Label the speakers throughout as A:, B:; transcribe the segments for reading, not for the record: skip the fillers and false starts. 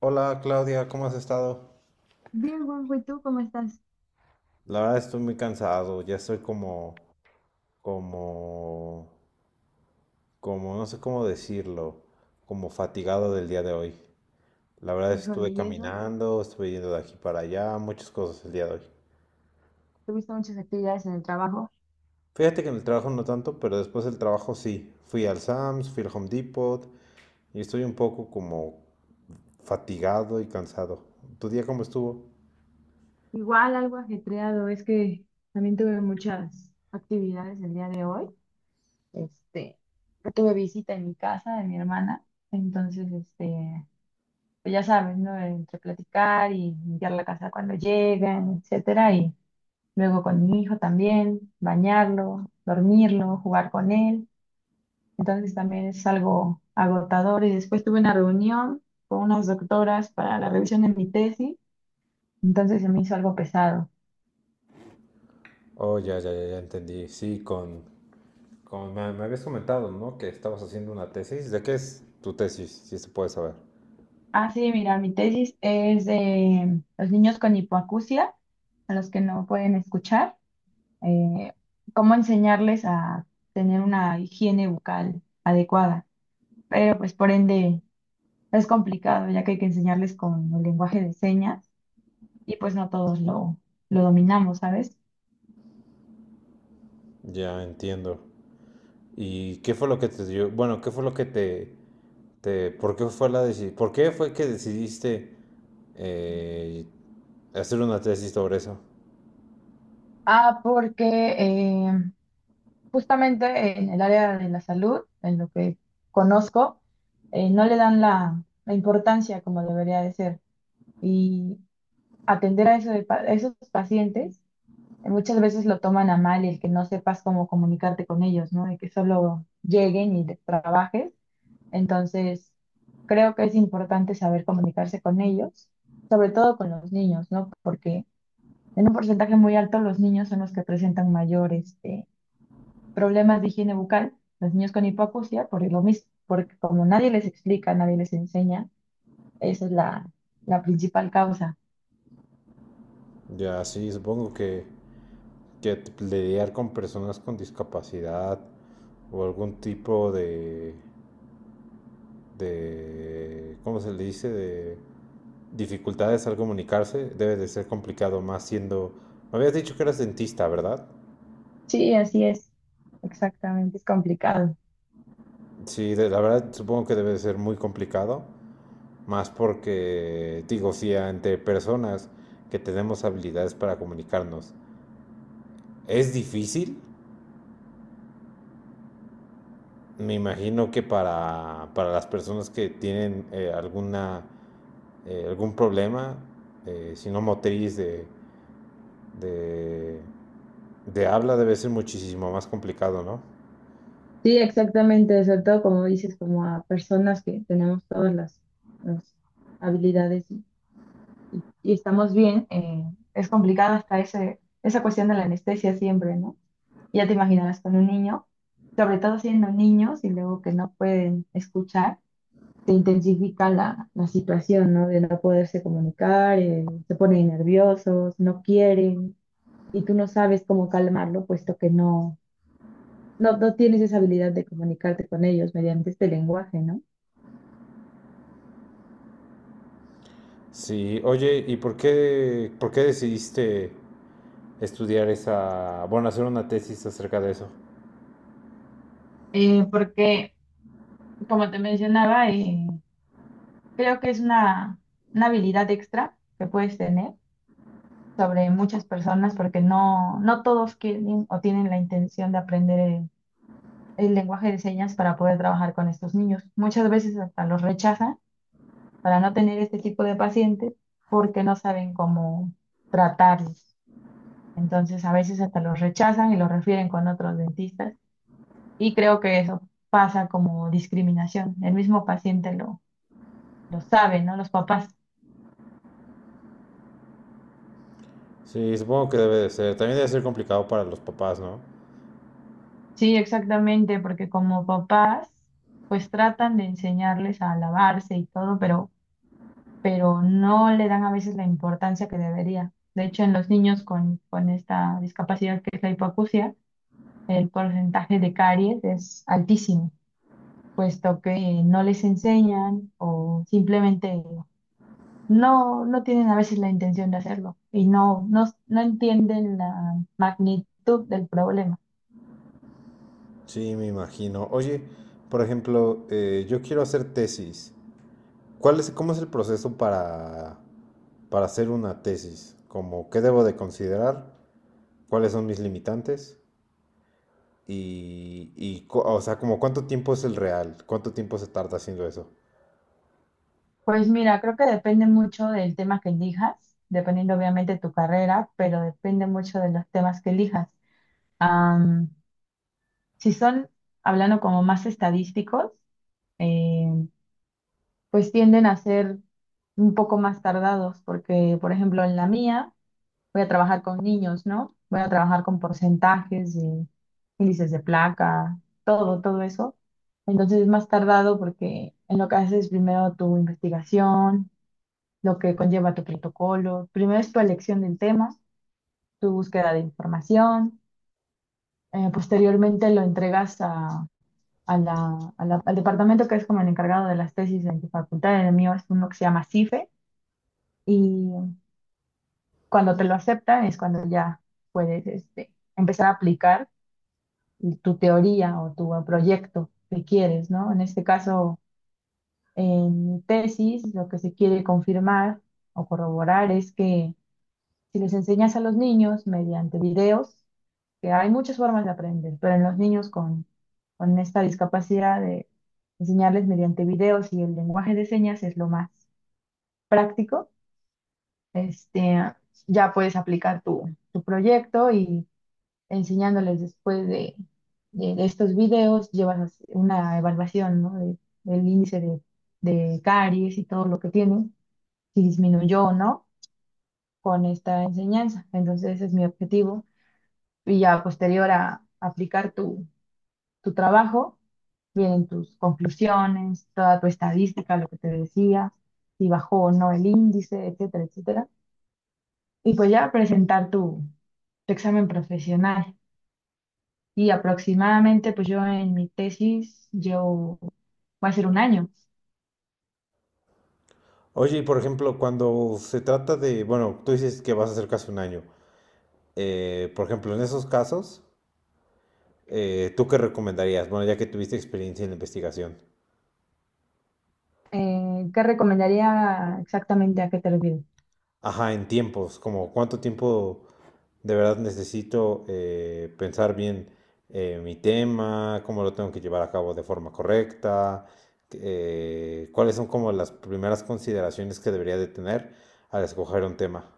A: Hola Claudia, ¿cómo has estado?
B: Bien, Juanjo, ¿y tú cómo estás?
A: La verdad estoy muy cansado, ya estoy como, no sé cómo decirlo, como fatigado del día de hoy. La verdad
B: Híjole,
A: estuve
B: ¿y eso?
A: caminando, estuve yendo de aquí para allá, muchas cosas el día de hoy.
B: Tuviste muchas actividades en el trabajo.
A: Fíjate que en el trabajo no tanto, pero después del trabajo sí. Fui al Sam's, fui al Home Depot y estoy un poco como fatigado y cansado. ¿Tu día cómo estuvo?
B: Igual algo ajetreado, es que también tuve muchas actividades el día de hoy. Este, Tuve visita en mi casa de mi hermana, entonces, pues ya sabes, ¿no? Entre platicar y limpiar la casa cuando llegan, etcétera, y luego con mi hijo también, bañarlo, dormirlo, jugar con él. Entonces también es algo agotador. Y después tuve una reunión con unas doctoras para la revisión de mi tesis. Entonces se me hizo algo pesado.
A: Oh, ya entendí. Sí, con, como me habías comentado, ¿no? Que estabas haciendo una tesis. ¿De qué es tu tesis? Si se puede saber.
B: Ah, sí, mira, mi tesis es de los niños con hipoacusia, a los que no pueden escuchar. eh, Cómo enseñarles a tener una higiene bucal adecuada. Pero pues por ende es complicado, ya que hay que enseñarles con el lenguaje de señas y pues no todos lo dominamos, ¿sabes?
A: Ya entiendo. ¿Y qué fue lo que te dio? Bueno, ¿qué fue lo que por qué fue por qué fue que decidiste eh, hacer una tesis sobre eso?
B: Ah, porque eh, justamente en el área de la salud, en lo que conozco, no le dan la importancia como debería de ser. Y atender a, eso de a esos pacientes, muchas veces lo toman a mal el que no sepas cómo comunicarte con ellos, ¿no? De que solo lleguen y te trabajes. Entonces, creo que es importante saber comunicarse con ellos, sobre todo con los niños, ¿no? Porque en un porcentaje muy alto los niños son los que presentan mayores problemas de higiene bucal, los niños con hipoacusia, por lo mismo, porque como nadie les explica, nadie les enseña, esa es la principal causa.
A: Ya, sí, supongo que lidiar con personas con discapacidad o algún tipo ¿cómo se le dice? De dificultades al comunicarse, debe de ser complicado, más siendo... Me habías dicho que eras dentista, ¿verdad?
B: Sí, así es, exactamente, es complicado.
A: Sí, la verdad supongo que debe de ser muy complicado, más porque, digo, si ante personas que tenemos habilidades para comunicarnos es difícil, me imagino que para las personas que tienen alguna, algún problema, si no motriz de, de habla, debe ser muchísimo más complicado, ¿no?
B: Sí, exactamente, sobre todo como dices, como a personas que tenemos todas las habilidades y estamos bien, es complicado hasta esa cuestión de la anestesia siempre, ¿no? Ya te imaginarás con un niño, sobre todo siendo niños y luego que no pueden escuchar se intensifica la situación, ¿no? De no poderse comunicar, se ponen nerviosos, no quieren, y tú no sabes cómo calmarlo, puesto que no tienes esa habilidad de comunicarte con ellos mediante este lenguaje, ¿no?
A: Sí, oye, ¿y por qué decidiste estudiar esa, bueno, hacer una tesis acerca de eso?
B: Porque, como te mencionaba, creo que es una habilidad extra que puedes tener sobre muchas personas porque no todos quieren o tienen la intención de aprender el lenguaje de señas para poder trabajar con estos niños. Muchas veces hasta los rechazan para no tener este tipo de pacientes porque no saben cómo tratarlos. Entonces, a veces hasta los rechazan y los refieren con otros dentistas y creo que eso pasa como discriminación. El mismo paciente lo sabe, ¿no? Los papás.
A: Sí, supongo que debe de ser. También debe ser complicado para los papás, ¿no?
B: Sí, exactamente, porque como papás, pues tratan de enseñarles a lavarse y todo, pero no le dan a veces la importancia que debería. De hecho, en los niños con esta discapacidad que es la hipoacusia, el porcentaje de caries es altísimo, puesto que no les enseñan o simplemente no tienen a veces la intención de hacerlo y no entienden la magnitud del problema.
A: Sí, me imagino. Oye, por ejemplo, yo quiero hacer tesis. ¿Cuál es, cómo es el proceso para hacer una tesis? Como, ¿qué debo de considerar? ¿Cuáles son mis limitantes? O sea, como, ¿cuánto tiempo es el real? ¿Cuánto tiempo se tarda haciendo eso?
B: Pues mira, creo que depende mucho del tema que elijas, dependiendo obviamente de tu carrera, pero depende mucho de los temas que elijas. Am, si son, hablando como más estadísticos, eh, pues tienden a ser un poco más tardados, porque, por ejemplo, en la mía voy a trabajar con niños, ¿no? Voy a trabajar con porcentajes y índices de placa, todo eso. Entonces es más tardado porque en lo que haces primero tu investigación, lo que conlleva tu protocolo, primero es tu elección del tema, tu búsqueda de información, posteriormente lo entregas al departamento que es como el encargado de las tesis en tu facultad, en el mío es uno que se llama CIFE. Y cuando te lo aceptan es cuando ya puedes empezar a aplicar tu teoría o tu proyecto que quieres, ¿no? En este caso, en mi tesis, lo que se quiere confirmar o corroborar es que si les enseñas a los niños mediante videos, que hay muchas formas de aprender, pero en los niños con esta discapacidad de enseñarles mediante videos y el lenguaje de señas es lo más práctico. Este, ya puedes aplicar tu proyecto y enseñándoles después de estos videos, llevas una evaluación, ¿no? Del índice de caries y todo lo que tiene, si disminuyó o no con esta enseñanza. Entonces, ese es mi objetivo. Y ya posterior a aplicar tu trabajo, vienen tus conclusiones, toda tu estadística, lo que te decía, si bajó o no el índice, etcétera, etcétera. Y pues ya presentar tu examen profesional. Y aproximadamente, pues yo en mi tesis, yo va a ser un año.
A: Oye, y por ejemplo, cuando se trata de, bueno, tú dices que vas a hacer casi un año. Por ejemplo, en esos casos, ¿tú qué recomendarías? Bueno, ya que tuviste experiencia en la investigación.
B: ¿Qué recomendaría exactamente a qué te refieres?
A: Ajá, en tiempos, como cuánto tiempo de verdad necesito pensar bien, mi tema, cómo lo tengo que llevar a cabo de forma correcta, cuáles son como las primeras consideraciones que debería de tener al escoger un tema.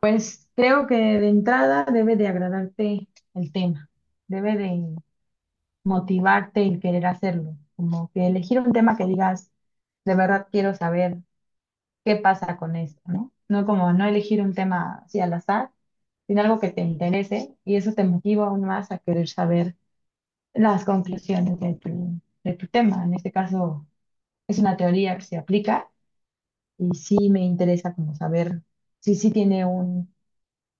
B: Pues creo que de entrada debe de agradarte el tema, debe de motivarte el querer hacerlo, como que elegir un tema que digas, de verdad quiero saber qué pasa con esto, ¿no? No como no elegir un tema así al azar sino algo que te interese y eso te motiva aún más a querer saber las conclusiones de de tu tema. En este caso es una teoría que se aplica y sí me interesa como saber si sí tiene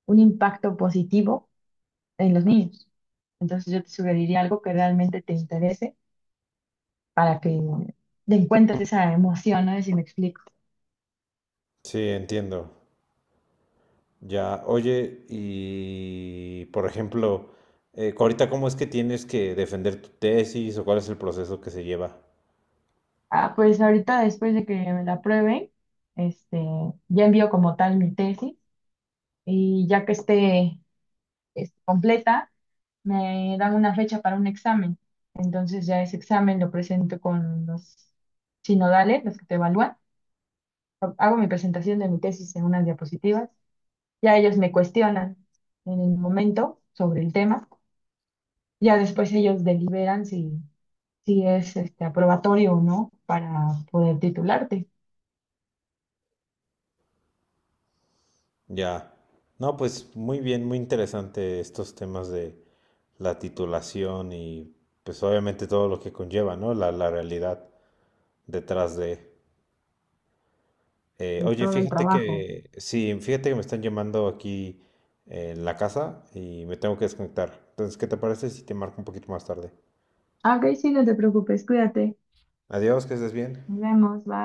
B: un impacto positivo en los niños. Entonces yo te sugeriría algo que realmente te interese para que te encuentres esa emoción, ¿no? Si me explico.
A: Sí, entiendo. Ya, oye, y por ejemplo, ahorita cómo es que tienes que defender tu tesis o cuál es el proceso que se lleva.
B: Ah, pues ahorita después de que me la prueben, este, ya envío como tal mi tesis y ya que esté completa, me dan una fecha para un examen. Entonces ya ese examen lo presento con los sinodales, los que te evalúan. Hago mi presentación de mi tesis en unas diapositivas. Ya ellos me cuestionan en el momento sobre el tema. Ya después ellos deliberan si es aprobatorio o no para poder titularte
A: Ya. No, pues muy bien, muy interesante estos temas de la titulación y pues obviamente todo lo que conlleva, ¿no? La realidad detrás de...
B: de
A: Oye,
B: todo el
A: fíjate
B: trabajo.
A: que, sí, fíjate que me están llamando aquí en la casa y me tengo que desconectar. Entonces, ¿qué te parece si te marco un poquito más tarde?
B: Ah, ok, sí, no te preocupes, cuídate.
A: Adiós, que estés bien.
B: Nos vemos, bye.